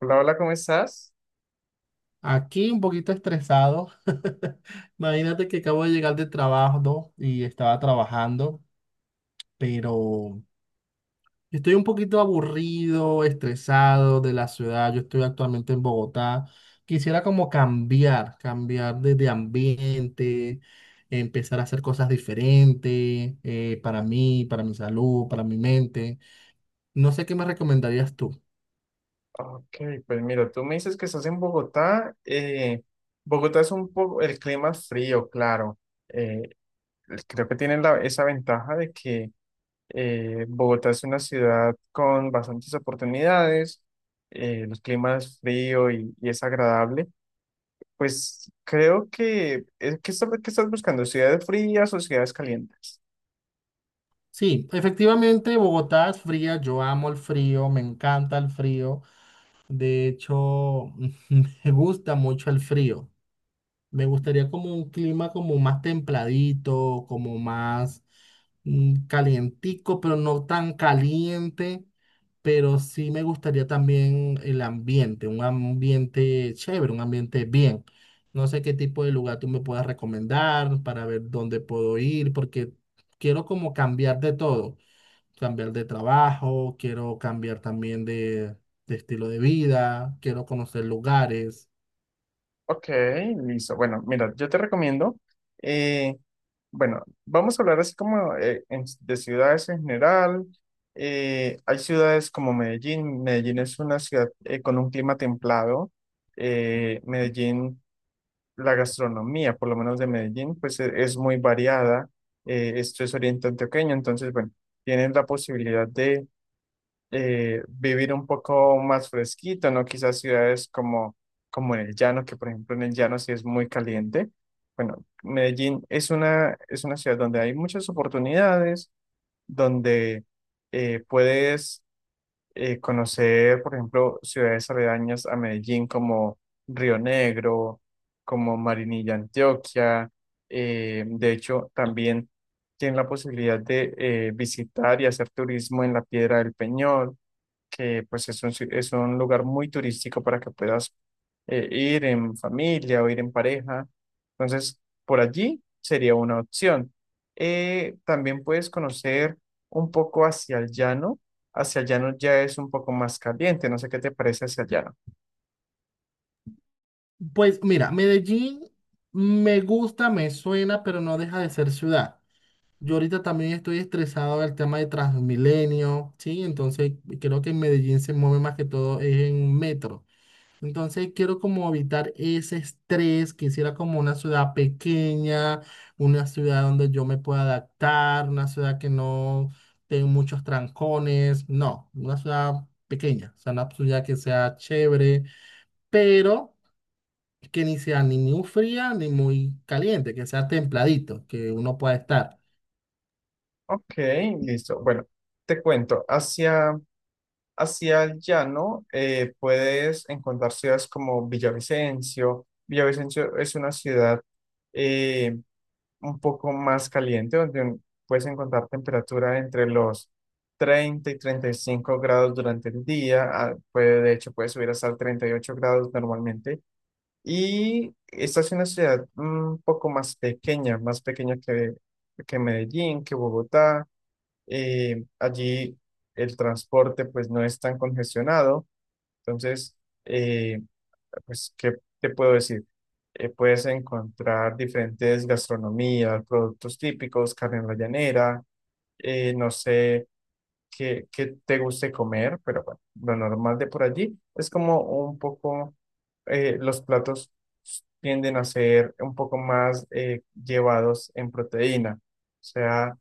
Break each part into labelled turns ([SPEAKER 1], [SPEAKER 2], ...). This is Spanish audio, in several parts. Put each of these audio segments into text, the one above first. [SPEAKER 1] Hola, hola, ¿cómo estás?
[SPEAKER 2] Aquí un poquito estresado. Imagínate que acabo de llegar del trabajo, ¿no? Y estaba trabajando, pero estoy un poquito aburrido, estresado de la ciudad. Yo estoy actualmente en Bogotá. Quisiera como cambiar, cambiar de ambiente, empezar a hacer cosas diferentes, para mí, para mi salud, para mi mente. No sé qué me recomendarías tú.
[SPEAKER 1] Ok, pues mira, tú me dices que estás en Bogotá. Bogotá es un poco, el clima es frío, claro. eh, Creo que tiene esa ventaja de que Bogotá es una ciudad con bastantes oportunidades, el clima es frío y es agradable. Pues creo que, ¿qué estás buscando? ¿Ciudades frías o ciudades calientes?
[SPEAKER 2] Sí, efectivamente Bogotá es fría, yo amo el frío, me encanta el frío. De hecho, me gusta mucho el frío. Me gustaría como un clima como más templadito, como más calientico, pero no tan caliente. Pero sí me gustaría también el ambiente, un ambiente chévere, un ambiente bien. No sé qué tipo de lugar tú me puedas recomendar para ver dónde puedo ir, porque quiero como cambiar de todo, cambiar de trabajo, quiero cambiar también de estilo de vida, quiero conocer lugares.
[SPEAKER 1] Ok, listo. Bueno, mira, yo te recomiendo, eh, bueno, vamos a hablar así como de ciudades en general. Hay ciudades como Medellín. Medellín es una ciudad con un clima templado. Medellín, la gastronomía, por lo menos de Medellín, pues es muy variada. Esto es oriente antioqueño, entonces, bueno, tienes la posibilidad vivir un poco más fresquito, ¿no? Quizás ciudades como en el llano, que por ejemplo en el llano sí es muy caliente. Bueno, Medellín es una ciudad donde hay muchas oportunidades, donde puedes conocer, por ejemplo, ciudades aledañas a Medellín como Río Negro, como Marinilla, Antioquia. De hecho, también tienes la posibilidad de visitar y hacer turismo en la Piedra del Peñol que pues es un, si- es un lugar muy turístico para que puedas ir en familia o ir en pareja. Entonces, por allí sería una opción. También puedes conocer un poco hacia el llano. Hacia el llano ya es un poco más caliente. No sé qué te parece hacia el llano.
[SPEAKER 2] Pues mira, Medellín me gusta, me suena, pero no deja de ser ciudad. Yo ahorita también estoy estresado del tema de Transmilenio, ¿sí? Entonces creo que en Medellín se mueve más que todo es en metro. Entonces quiero como evitar ese estrés, quisiera como una ciudad pequeña, una ciudad donde yo me pueda adaptar, una ciudad que no tenga muchos trancones, no, una ciudad pequeña, o sea, una ciudad que sea chévere, pero que ni sea ni muy fría ni muy caliente, que sea templadito, que uno pueda estar.
[SPEAKER 1] Ok, listo. Bueno, te cuento. Hacia el llano, puedes encontrar ciudades como Villavicencio. Villavicencio es una ciudad eh, un poco más caliente, donde puedes encontrar temperatura entre los 30 y 35 grados durante el día. Puede, de hecho, puede subir hasta 38 grados normalmente. Y esta es una ciudad un poco más pequeña que, Medellín, que Bogotá. Allí el transporte pues no es tan congestionado. Entonces, eh, pues, ¿qué te puedo decir? Puedes encontrar diferentes gastronomías, productos típicos, carne en la llanera. No sé qué te guste comer, pero bueno, lo normal de por allí es como un poco, los platos tienden a ser un poco más llevados en proteína. O sea,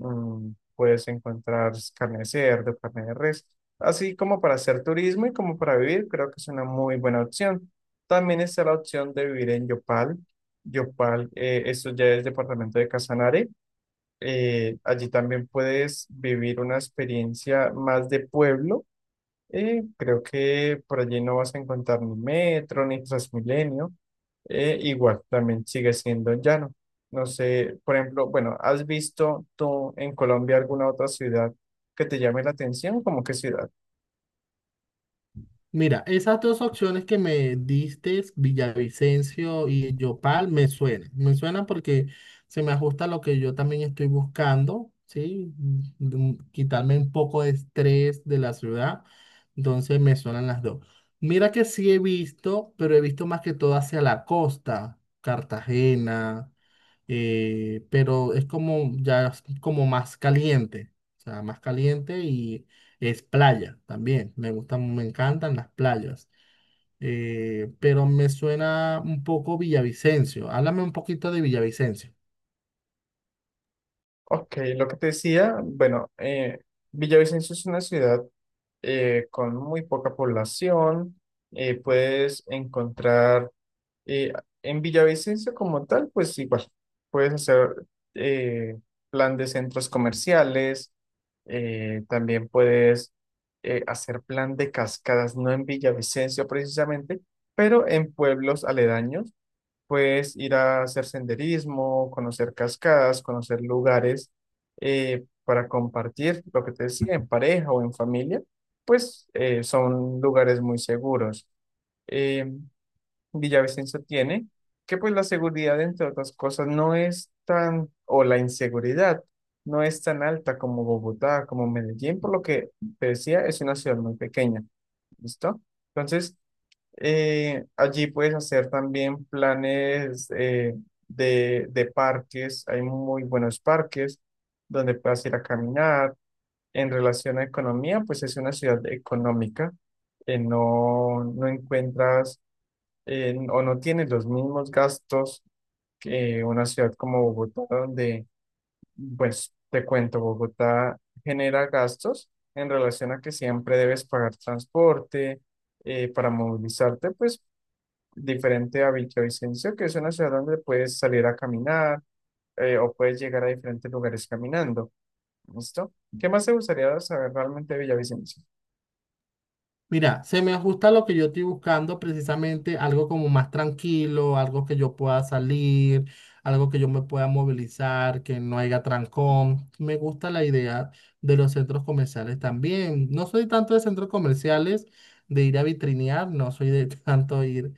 [SPEAKER 1] Puedes encontrar carne de cerdo, carne de res, así como para hacer turismo y como para vivir, creo que es una muy buena opción. También está la opción de vivir en Yopal. Yopal, esto ya es departamento de Casanare. Allí también puedes vivir una experiencia más de pueblo y creo que por allí no vas a encontrar ni metro ni Transmilenio. Igual también sigue siendo llano. No sé, por ejemplo, bueno, ¿has visto tú en Colombia alguna otra ciudad que te llame la atención? ¿Cómo qué ciudad?
[SPEAKER 2] Mira, esas dos opciones que me diste, Villavicencio y Yopal, me suenan. Me suenan porque se me ajusta a lo que yo también estoy buscando, ¿sí? Mm, quitarme un poco de estrés de la ciudad. Entonces me suenan las dos. Mira que sí he visto, pero he visto más que todo hacia la costa, Cartagena, pero es como ya es como más caliente, o sea, más caliente y es playa también. Me gustan, me encantan las playas, pero me suena un poco Villavicencio. Háblame un poquito de Villavicencio.
[SPEAKER 1] Ok, lo que te decía, bueno, Villavicencio es una ciudad con muy poca población. Puedes encontrar. Eh, en Villavicencio como tal, pues igual, puedes hacer eh, plan de centros comerciales, también puedes hacer plan de cascadas, no en Villavicencio precisamente, pero en pueblos aledaños, puedes ir a hacer senderismo, conocer cascadas, conocer lugares para compartir, lo que te decía, en pareja o en familia, pues son lugares muy seguros. Em, Villavicencio tiene, que pues la seguridad, entre otras cosas, no es tan, o la inseguridad no es tan alta como Bogotá, como Medellín, por lo que te decía, es una ciudad muy pequeña, ¿listo? Entonces, allí puedes hacer también planes de parques, hay muy buenos parques donde puedas ir a caminar. En relación a economía, pues es una ciudad económica, no encuentras o no tiene los mismos gastos que una ciudad como Bogotá, donde, pues, te cuento, Bogotá genera gastos en relación a que siempre debes pagar transporte para movilizarte, pues, diferente a Villavicencio, que es una ciudad donde puedes salir a caminar o puedes llegar a diferentes lugares caminando. ¿Listo? ¿Qué más te gustaría saber realmente de Villavicencio?
[SPEAKER 2] Mira, se me ajusta lo que yo estoy buscando, precisamente algo como más tranquilo, algo que yo pueda salir, algo que yo me pueda movilizar, que no haya trancón. Me gusta la idea de los centros comerciales también. No soy tanto de centros comerciales, de ir a vitrinear, no soy de tanto ir,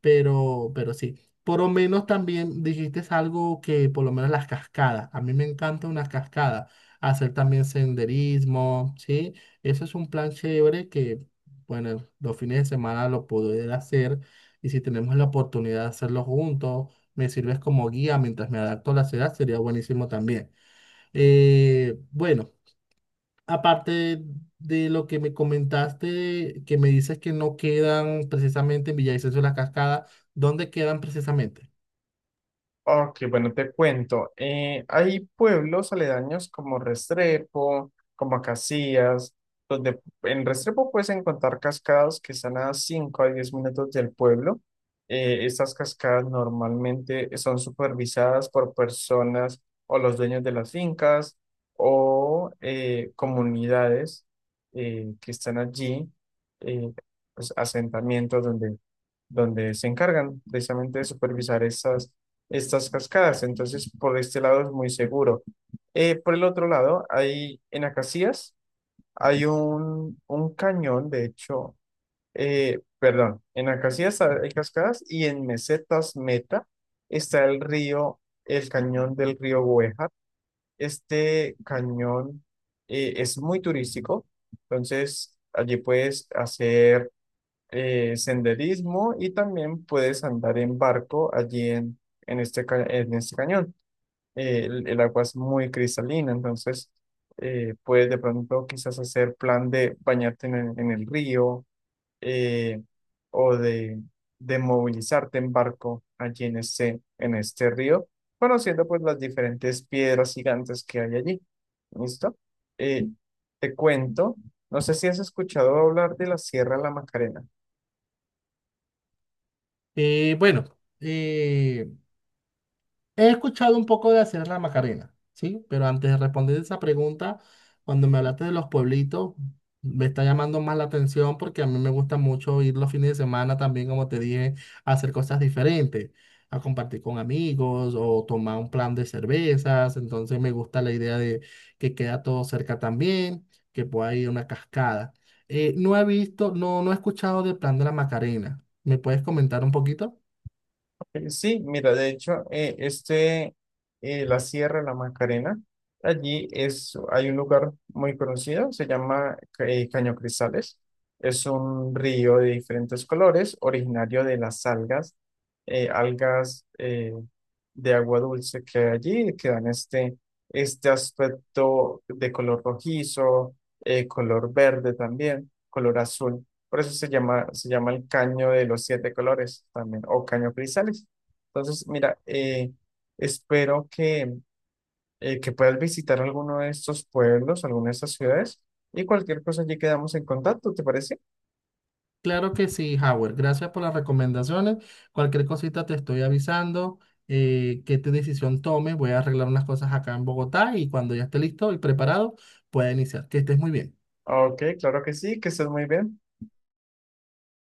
[SPEAKER 2] pero sí. Por lo menos también dijiste algo que, por lo menos las cascadas. A mí me encanta una cascada. Hacer también senderismo, ¿sí? Eso es un plan chévere que, bueno, los fines de semana lo poder hacer. Y si tenemos la oportunidad de hacerlo juntos, me sirves como guía mientras me adapto a la ciudad, sería buenísimo también. Bueno, aparte de lo que me comentaste, que me dices que no quedan precisamente en Villavicencio de la cascada, ¿dónde quedan precisamente?
[SPEAKER 1] Ok, bueno, te cuento. Hay pueblos aledaños como Restrepo, como Acacías, donde en Restrepo puedes encontrar cascadas que están a 5 a 10 minutos del pueblo. Estas cascadas normalmente son supervisadas por personas o los dueños de las fincas o comunidades que están allí, eh, pues, asentamientos donde se encargan precisamente de supervisar estas cascadas. Entonces, por este lado es muy seguro. Por el otro lado, hay en Acacías, hay un cañón, de hecho, perdón, en Acacías hay cascadas y en Mesetas Meta está el río, el cañón del río Güejar. Este cañón es muy turístico, entonces allí puedes hacer senderismo y también puedes andar en barco allí en este cañón. El agua es muy cristalina, entonces puedes de pronto quizás hacer plan de bañarte en el río eh, o de movilizarte en barco allí en este río, conociendo pues las diferentes piedras gigantes que hay allí. ¿Listo? Eh, Te cuento, no sé si has escuchado hablar de la Sierra de la Macarena.
[SPEAKER 2] Eh, bueno, eh, He escuchado un poco de hacer la Macarena, ¿sí? Pero antes de responder esa pregunta, cuando me hablaste de los pueblitos, me está llamando más la atención porque a mí me gusta mucho ir los fines de semana también, como te dije, a hacer cosas diferentes, a compartir con amigos o tomar un plan de cervezas. Entonces me gusta la idea de que queda todo cerca también, que pueda ir a una cascada. No he visto, no he escuchado del plan de la Macarena. ¿Me puedes comentar un poquito?
[SPEAKER 1] Sí, mira, de hecho, la Sierra de La Macarena, allí es, hay un lugar muy conocido, se llama Caño Cristales. Es un río de diferentes colores, originario de las algas, eh, algas eh, de agua dulce que hay allí, que dan este aspecto de color rojizo, color verde también, color azul. Por eso se llama el caño de los siete colores también, o caño cristales. Entonces, mira, espero que puedas visitar alguno de estos pueblos, alguna de estas ciudades, y cualquier cosa allí quedamos en contacto, ¿te parece?
[SPEAKER 2] Claro que sí, Howard. Gracias por las recomendaciones. Cualquier cosita te estoy avisando, qué te decisión tome. Voy a arreglar unas cosas acá en Bogotá y cuando ya esté listo y preparado, pueda iniciar. Que estés muy bien.
[SPEAKER 1] Ok, claro que sí, que estés muy bien.